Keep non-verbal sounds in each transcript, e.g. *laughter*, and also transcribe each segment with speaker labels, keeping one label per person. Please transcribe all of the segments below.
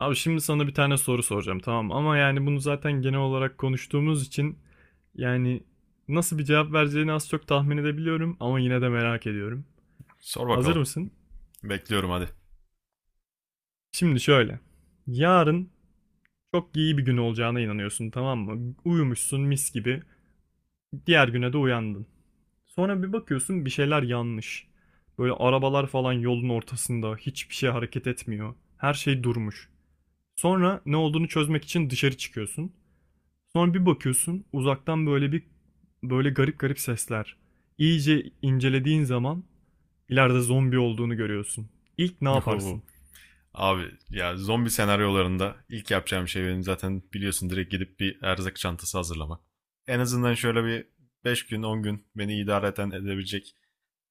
Speaker 1: Abi şimdi sana bir tane soru soracağım tamam ama yani bunu zaten genel olarak konuştuğumuz için yani nasıl bir cevap vereceğini az çok tahmin edebiliyorum ama yine de merak ediyorum.
Speaker 2: Sor
Speaker 1: Hazır
Speaker 2: bakalım.
Speaker 1: mısın?
Speaker 2: Bekliyorum hadi.
Speaker 1: Şimdi şöyle. Yarın çok iyi bir gün olacağına inanıyorsun tamam mı? Uyumuşsun mis gibi. Diğer güne de uyandın. Sonra bir bakıyorsun bir şeyler yanlış. Böyle arabalar falan yolun ortasında hiçbir şey hareket etmiyor. Her şey durmuş. Sonra ne olduğunu çözmek için dışarı çıkıyorsun. Sonra bir bakıyorsun uzaktan böyle garip garip sesler. İyice incelediğin zaman ileride zombi olduğunu görüyorsun. İlk ne yaparsın?
Speaker 2: *laughs* Abi ya zombi senaryolarında ilk yapacağım şey benim zaten biliyorsun direkt gidip bir erzak çantası hazırlamak. En azından şöyle bir 5 gün 10 gün beni idare edebilecek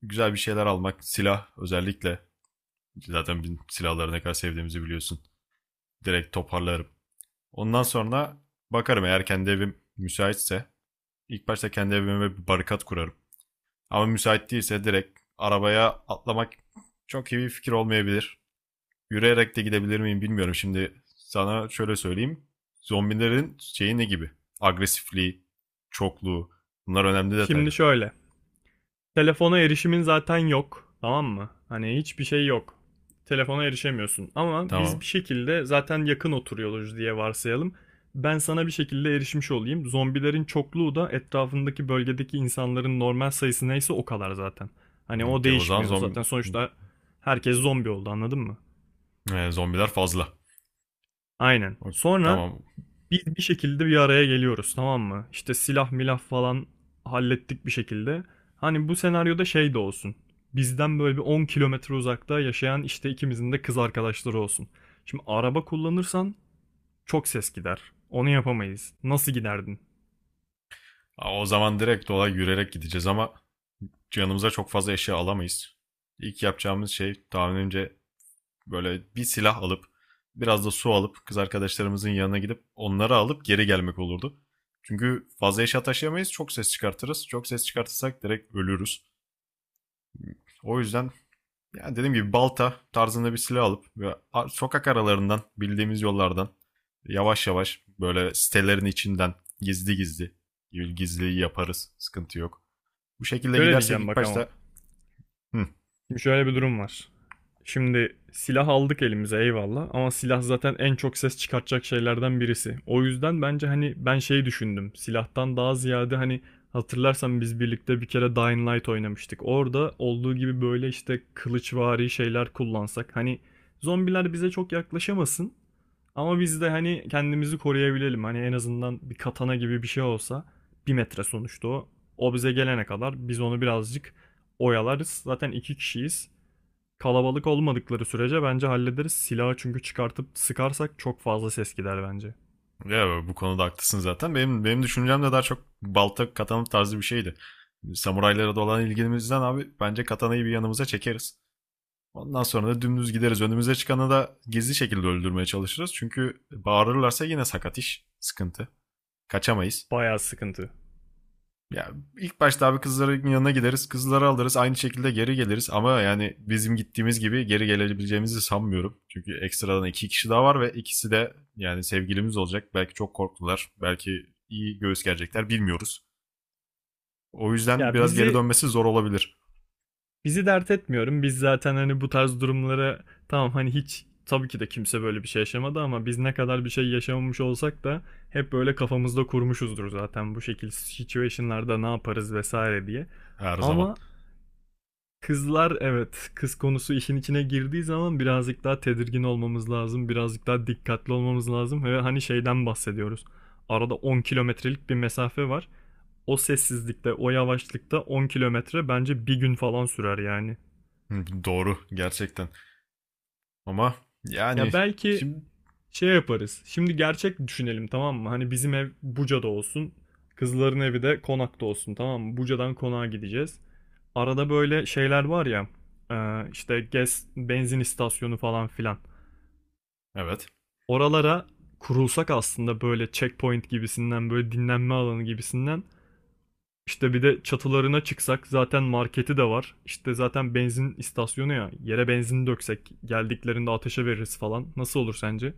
Speaker 2: güzel bir şeyler almak. Silah özellikle. Zaten bizim silahları ne kadar sevdiğimizi biliyorsun. Direkt toparlarım. Ondan sonra bakarım eğer kendi evim müsaitse. İlk başta kendi evime bir barikat kurarım. Ama müsait değilse direkt arabaya atlamak çok iyi bir fikir olmayabilir. Yürüyerek de gidebilir miyim bilmiyorum. Şimdi sana şöyle söyleyeyim. Zombilerin şeyi ne gibi? Agresifliği, çokluğu. Bunlar önemli
Speaker 1: Şimdi
Speaker 2: detaylar.
Speaker 1: şöyle. Telefona erişimin zaten yok. Tamam mı? Hani hiçbir şey yok. Telefona erişemiyorsun. Ama biz
Speaker 2: Tamam.
Speaker 1: bir şekilde zaten yakın oturuyoruz diye varsayalım. Ben sana bir şekilde erişmiş olayım. Zombilerin çokluğu da etrafındaki bölgedeki insanların normal sayısı neyse o kadar zaten. Hani o
Speaker 2: Okey, o zaman
Speaker 1: değişmiyor. Zaten
Speaker 2: zombi,
Speaker 1: sonuçta herkes zombi oldu anladın mı?
Speaker 2: zombiler fazla.
Speaker 1: Aynen.
Speaker 2: Ok,
Speaker 1: Sonra
Speaker 2: Tamam.
Speaker 1: biz bir şekilde bir araya geliyoruz tamam mı? İşte silah milah falan hallettik bir şekilde. Hani bu senaryoda şey de olsun. Bizden böyle bir 10 kilometre uzakta yaşayan işte ikimizin de kız arkadaşları olsun. Şimdi araba kullanırsan çok ses gider. Onu yapamayız. Nasıl giderdin?
Speaker 2: O zaman direkt olay yürüyerek gideceğiz ama yanımıza çok fazla eşya alamayız. İlk yapacağımız şey tahminimce böyle bir silah alıp biraz da su alıp kız arkadaşlarımızın yanına gidip onları alıp geri gelmek olurdu. Çünkü fazla eşya taşıyamayız. Çok ses çıkartırız. Çok ses çıkartırsak direkt ölürüz. O yüzden yani dediğim gibi balta tarzında bir silah alıp ve sokak aralarından bildiğimiz yollardan yavaş yavaş böyle sitelerin içinden gizli gizli gizliyi yaparız. Sıkıntı yok. Bu şekilde
Speaker 1: Şöyle
Speaker 2: gidersek
Speaker 1: diyeceğim
Speaker 2: ilk
Speaker 1: bak ama.
Speaker 2: başta "Hı,"
Speaker 1: Şimdi şöyle bir durum var. Şimdi silah aldık elimize eyvallah ama silah zaten en çok ses çıkartacak şeylerden birisi. O yüzden bence hani ben şey düşündüm. Silahtan daha ziyade hani hatırlarsan biz birlikte bir kere Dying Light oynamıştık. Orada olduğu gibi böyle işte kılıçvari şeyler kullansak. Hani zombiler bize çok yaklaşamasın ama biz de hani kendimizi koruyabilelim. Hani en azından bir katana gibi bir şey olsa 1 metre sonuçta o. O bize gelene kadar biz onu birazcık oyalarız. Zaten iki kişiyiz. Kalabalık olmadıkları sürece bence hallederiz. Silahı çünkü çıkartıp sıkarsak çok fazla ses gider bence.
Speaker 2: Ya bu konuda haklısın zaten. Benim düşüncem de daha çok balta katana tarzı bir şeydi. Samuraylara da olan ilgimizden abi bence katanayı bir yanımıza çekeriz. Ondan sonra da dümdüz gideriz. Önümüze çıkanı da gizli şekilde öldürmeye çalışırız. Çünkü bağırırlarsa yine sakat iş. Sıkıntı. Kaçamayız.
Speaker 1: Bayağı sıkıntı.
Speaker 2: Ya ilk başta abi kızların yanına gideriz, kızları alırız, aynı şekilde geri geliriz ama yani bizim gittiğimiz gibi geri gelebileceğimizi sanmıyorum. Çünkü ekstradan iki kişi daha var ve ikisi de yani sevgilimiz olacak. Belki çok korktular, belki iyi göğüs gelecekler bilmiyoruz. O yüzden
Speaker 1: Ya
Speaker 2: biraz geri
Speaker 1: bizi
Speaker 2: dönmesi zor olabilir
Speaker 1: bizi dert etmiyorum. Biz zaten hani bu tarz durumlara tamam hani hiç tabii ki de kimse böyle bir şey yaşamadı ama biz ne kadar bir şey yaşamamış olsak da hep böyle kafamızda kurmuşuzdur zaten bu şekil situation'larda ne yaparız vesaire diye.
Speaker 2: her zaman.
Speaker 1: Ama kızlar evet, kız konusu işin içine girdiği zaman birazcık daha tedirgin olmamız lazım, birazcık daha dikkatli olmamız lazım ve hani şeyden bahsediyoruz. Arada 10 kilometrelik bir mesafe var. O sessizlikte, o yavaşlıkta 10 kilometre bence bir gün falan sürer yani.
Speaker 2: Hı, doğru gerçekten. Ama yani
Speaker 1: Ya belki
Speaker 2: şimdi
Speaker 1: şey yaparız. Şimdi gerçek düşünelim tamam mı? Hani bizim ev Buca'da olsun. Kızların evi de Konak'ta olsun tamam mı? Buca'dan Konak'a gideceğiz. Arada böyle şeyler var ya. İşte gez, benzin istasyonu falan filan.
Speaker 2: evet.
Speaker 1: Oralara kurulsak aslında böyle checkpoint gibisinden böyle dinlenme alanı gibisinden işte bir de çatılarına çıksak zaten marketi de var. İşte zaten benzin istasyonu ya. Yere benzin döksek geldiklerinde ateşe veririz falan. Nasıl olur sence?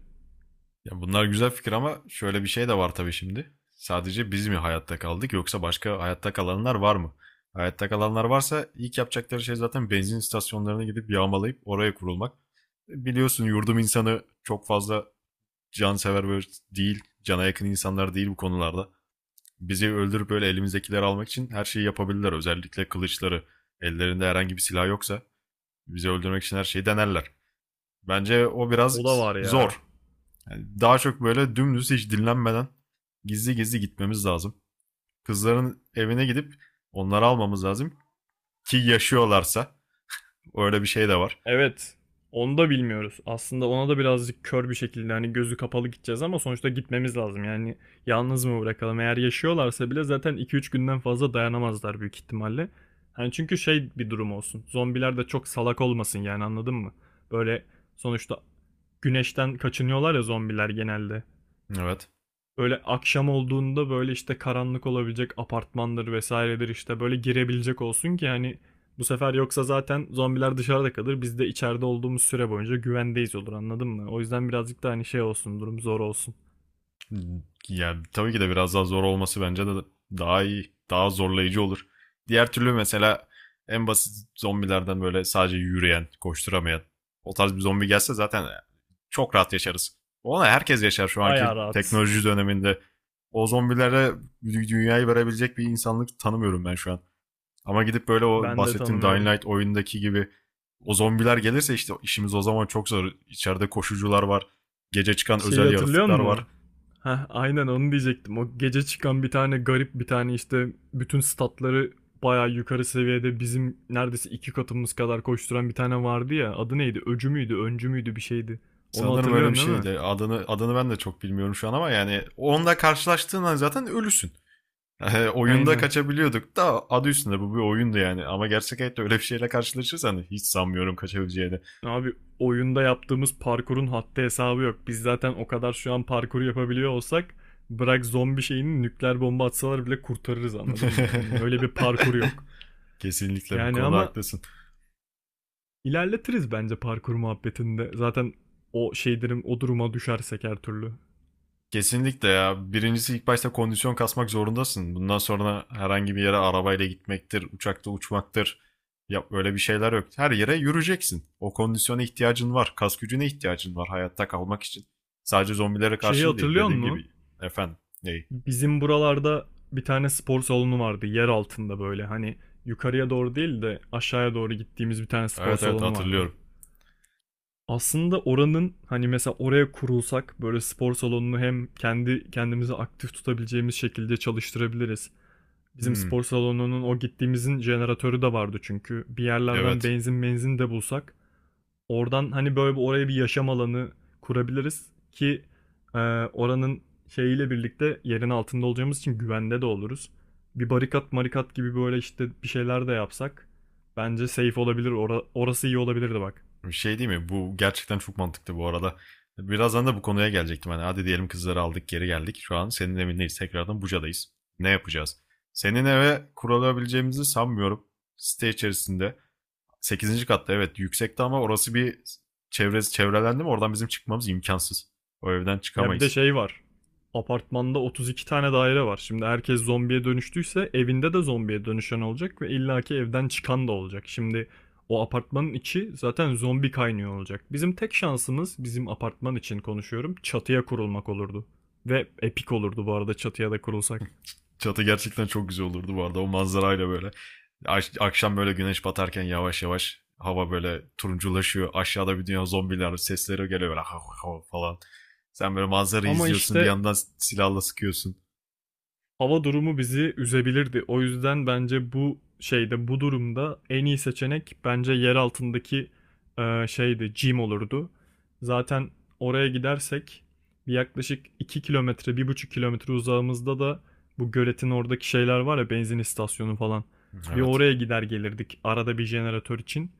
Speaker 2: Ya bunlar güzel fikir ama şöyle bir şey de var tabii şimdi. Sadece biz mi hayatta kaldık yoksa başka hayatta kalanlar var mı? Hayatta kalanlar varsa ilk yapacakları şey zaten benzin istasyonlarına gidip yağmalayıp oraya kurulmak. Biliyorsun yurdum insanı çok fazla cansever böyle değil, cana yakın insanlar değil bu konularda. Bizi öldürüp böyle elimizdekileri almak için her şeyi yapabilirler. Özellikle kılıçları. Ellerinde herhangi bir silah yoksa bizi öldürmek için her şeyi denerler. Bence o biraz
Speaker 1: O da var ya.
Speaker 2: zor. Yani daha çok böyle dümdüz hiç dinlenmeden gizli gizli gitmemiz lazım. Kızların evine gidip onları almamız lazım ki yaşıyorlarsa öyle bir şey de var.
Speaker 1: Evet. Onu da bilmiyoruz. Aslında ona da birazcık kör bir şekilde hani gözü kapalı gideceğiz ama sonuçta gitmemiz lazım. Yani yalnız mı bırakalım? Eğer yaşıyorlarsa bile zaten iki üç günden fazla dayanamazlar büyük ihtimalle. Hani çünkü şey bir durum olsun. Zombiler de çok salak olmasın yani anladın mı? Böyle sonuçta güneşten kaçınıyorlar ya zombiler genelde.
Speaker 2: Evet.
Speaker 1: Böyle akşam olduğunda böyle işte karanlık olabilecek apartmandır vesairedir işte böyle girebilecek olsun ki hani bu sefer yoksa zaten zombiler dışarıda kalır. Biz de içeride olduğumuz süre boyunca güvendeyiz olur anladın mı? O yüzden birazcık da hani şey olsun durum zor olsun.
Speaker 2: Ya tabii ki de biraz daha zor olması bence de daha iyi, daha zorlayıcı olur. Diğer türlü mesela en basit zombilerden böyle sadece yürüyen, koşturamayan o tarz bir zombi gelse zaten çok rahat yaşarız. Ona herkes yaşar şu
Speaker 1: Bayağı
Speaker 2: anki
Speaker 1: rahat.
Speaker 2: teknoloji döneminde. O zombilere dünyayı verebilecek bir insanlık tanımıyorum ben şu an. Ama gidip böyle o
Speaker 1: Ben de
Speaker 2: bahsettiğim Dying
Speaker 1: tanımıyorum.
Speaker 2: Light oyundaki gibi o zombiler gelirse işte işimiz o zaman çok zor. İçeride koşucular var. Gece çıkan
Speaker 1: Şeyi
Speaker 2: özel
Speaker 1: hatırlıyor
Speaker 2: yaratıklar var.
Speaker 1: musun? Heh, aynen onu diyecektim. O gece çıkan bir tane garip bir tane işte bütün statları bayağı yukarı seviyede bizim neredeyse iki katımız kadar koşturan bir tane vardı ya. Adı neydi? Öcü müydü? Öncü müydü? Bir şeydi. Onu
Speaker 2: Sanırım öyle bir
Speaker 1: hatırlıyorsun değil mi?
Speaker 2: şeydi. Adını ben de çok bilmiyorum şu an ama yani onunla karşılaştığın an zaten ölüsün. *laughs* Oyunda
Speaker 1: Aynen.
Speaker 2: kaçabiliyorduk da adı üstünde bu bir oyundu yani. Ama gerçek hayatta öyle bir şeyle karşılaşırsan hiç sanmıyorum kaçabileceğini.
Speaker 1: Abi oyunda yaptığımız parkurun haddi hesabı yok. Biz zaten o kadar şu an parkuru yapabiliyor olsak bırak zombi şeyini nükleer bomba atsalar bile kurtarırız anladın mı? Yani
Speaker 2: *laughs*
Speaker 1: öyle bir parkur yok.
Speaker 2: Kesinlikle bu
Speaker 1: Yani
Speaker 2: konuda
Speaker 1: ama
Speaker 2: haklısın.
Speaker 1: İlerletiriz bence parkur muhabbetinde. Zaten o şeylerin o duruma düşersek her türlü.
Speaker 2: Kesinlikle ya. Birincisi ilk başta kondisyon kasmak zorundasın. Bundan sonra herhangi bir yere arabayla gitmektir, uçakta uçmaktır. Ya öyle bir şeyler yok. Her yere yürüyeceksin. O kondisyona ihtiyacın var. Kas gücüne ihtiyacın var hayatta kalmak için. Sadece zombilere
Speaker 1: Şeyi
Speaker 2: karşı da değil
Speaker 1: hatırlıyor
Speaker 2: dediğim gibi.
Speaker 1: musun?
Speaker 2: Efendim. Ney?
Speaker 1: Bizim buralarda bir tane spor salonu vardı yer altında böyle. Hani yukarıya doğru değil de aşağıya doğru gittiğimiz bir tane spor
Speaker 2: Evet, evet,
Speaker 1: salonu vardı.
Speaker 2: hatırlıyorum.
Speaker 1: Aslında oranın hani mesela oraya kurulsak böyle spor salonunu hem kendi kendimizi aktif tutabileceğimiz şekilde çalıştırabiliriz. Bizim
Speaker 2: Hmm,
Speaker 1: spor salonunun o gittiğimizin jeneratörü de vardı çünkü. Bir yerlerden
Speaker 2: evet.
Speaker 1: benzin de bulsak. Oradan hani böyle bir oraya bir yaşam alanı kurabiliriz ki e, oranın şeyiyle birlikte yerin altında olacağımız için güvende de oluruz. Bir barikat marikat gibi böyle işte bir şeyler de yapsak bence safe olabilir. Orası iyi olabilirdi bak.
Speaker 2: Bir şey değil mi? Bu gerçekten çok mantıklı bu arada. Birazdan da bu konuya gelecektim. Hani hadi diyelim kızları aldık geri geldik. Şu an senin evindeyiz. Tekrardan Buca'dayız. Ne yapacağız? Senin eve kurulabileceğimizi sanmıyorum. Site içerisinde. Sekizinci katta evet yüksekte, ama orası bir, çevresi çevrelendi mi oradan bizim çıkmamız imkansız. O evden
Speaker 1: Ya bir de
Speaker 2: çıkamayız.
Speaker 1: şey var. Apartmanda 32 tane daire var. Şimdi herkes zombiye dönüştüyse evinde de zombiye dönüşen olacak ve illaki evden çıkan da olacak. Şimdi o apartmanın içi zaten zombi kaynıyor olacak. Bizim tek şansımız bizim apartman için konuşuyorum çatıya kurulmak olurdu. Ve epik olurdu bu arada çatıya da kurulsak.
Speaker 2: Çatı gerçekten çok güzel olurdu bu arada. O manzarayla böyle. Akşam böyle güneş batarken yavaş yavaş hava böyle turunculaşıyor. Aşağıda bir dünya zombiler sesleri geliyor böyle hav hav falan. Sen böyle manzarayı
Speaker 1: Ama
Speaker 2: izliyorsun bir
Speaker 1: işte
Speaker 2: yandan silahla sıkıyorsun.
Speaker 1: hava durumu bizi üzebilirdi. O yüzden bence bu şeyde, bu durumda en iyi seçenek bence yer altındaki şeydi, gym olurdu. Zaten oraya gidersek bir yaklaşık 2 kilometre, 1,5 kilometre uzağımızda da bu göletin oradaki şeyler var ya, benzin istasyonu falan. Bir
Speaker 2: Evet.
Speaker 1: oraya gider gelirdik arada bir jeneratör için.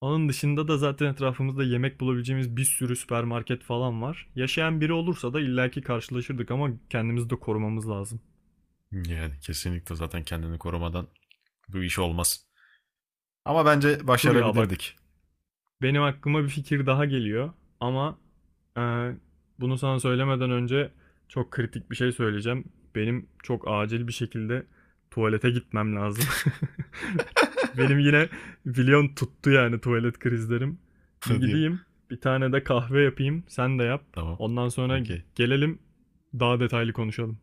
Speaker 1: Onun dışında da zaten etrafımızda yemek bulabileceğimiz bir sürü süpermarket falan var. Yaşayan biri olursa da illaki karşılaşırdık ama kendimizi de korumamız lazım.
Speaker 2: Yani kesinlikle zaten kendini korumadan bu iş olmaz. Ama bence
Speaker 1: Dur ya bak.
Speaker 2: başarabilirdik.
Speaker 1: Benim aklıma bir fikir daha geliyor. Ama e, bunu sana söylemeden önce çok kritik bir şey söyleyeceğim. Benim çok acil bir şekilde tuvalete gitmem lazım. *laughs* Benim
Speaker 2: *laughs*
Speaker 1: yine biliyorsun tuttu yani tuvalet krizlerim. Bir
Speaker 2: Hadi ya.
Speaker 1: gideyim, bir tane de kahve yapayım, sen de yap.
Speaker 2: Tamam.
Speaker 1: Ondan sonra
Speaker 2: Okey.
Speaker 1: gelelim, daha detaylı konuşalım.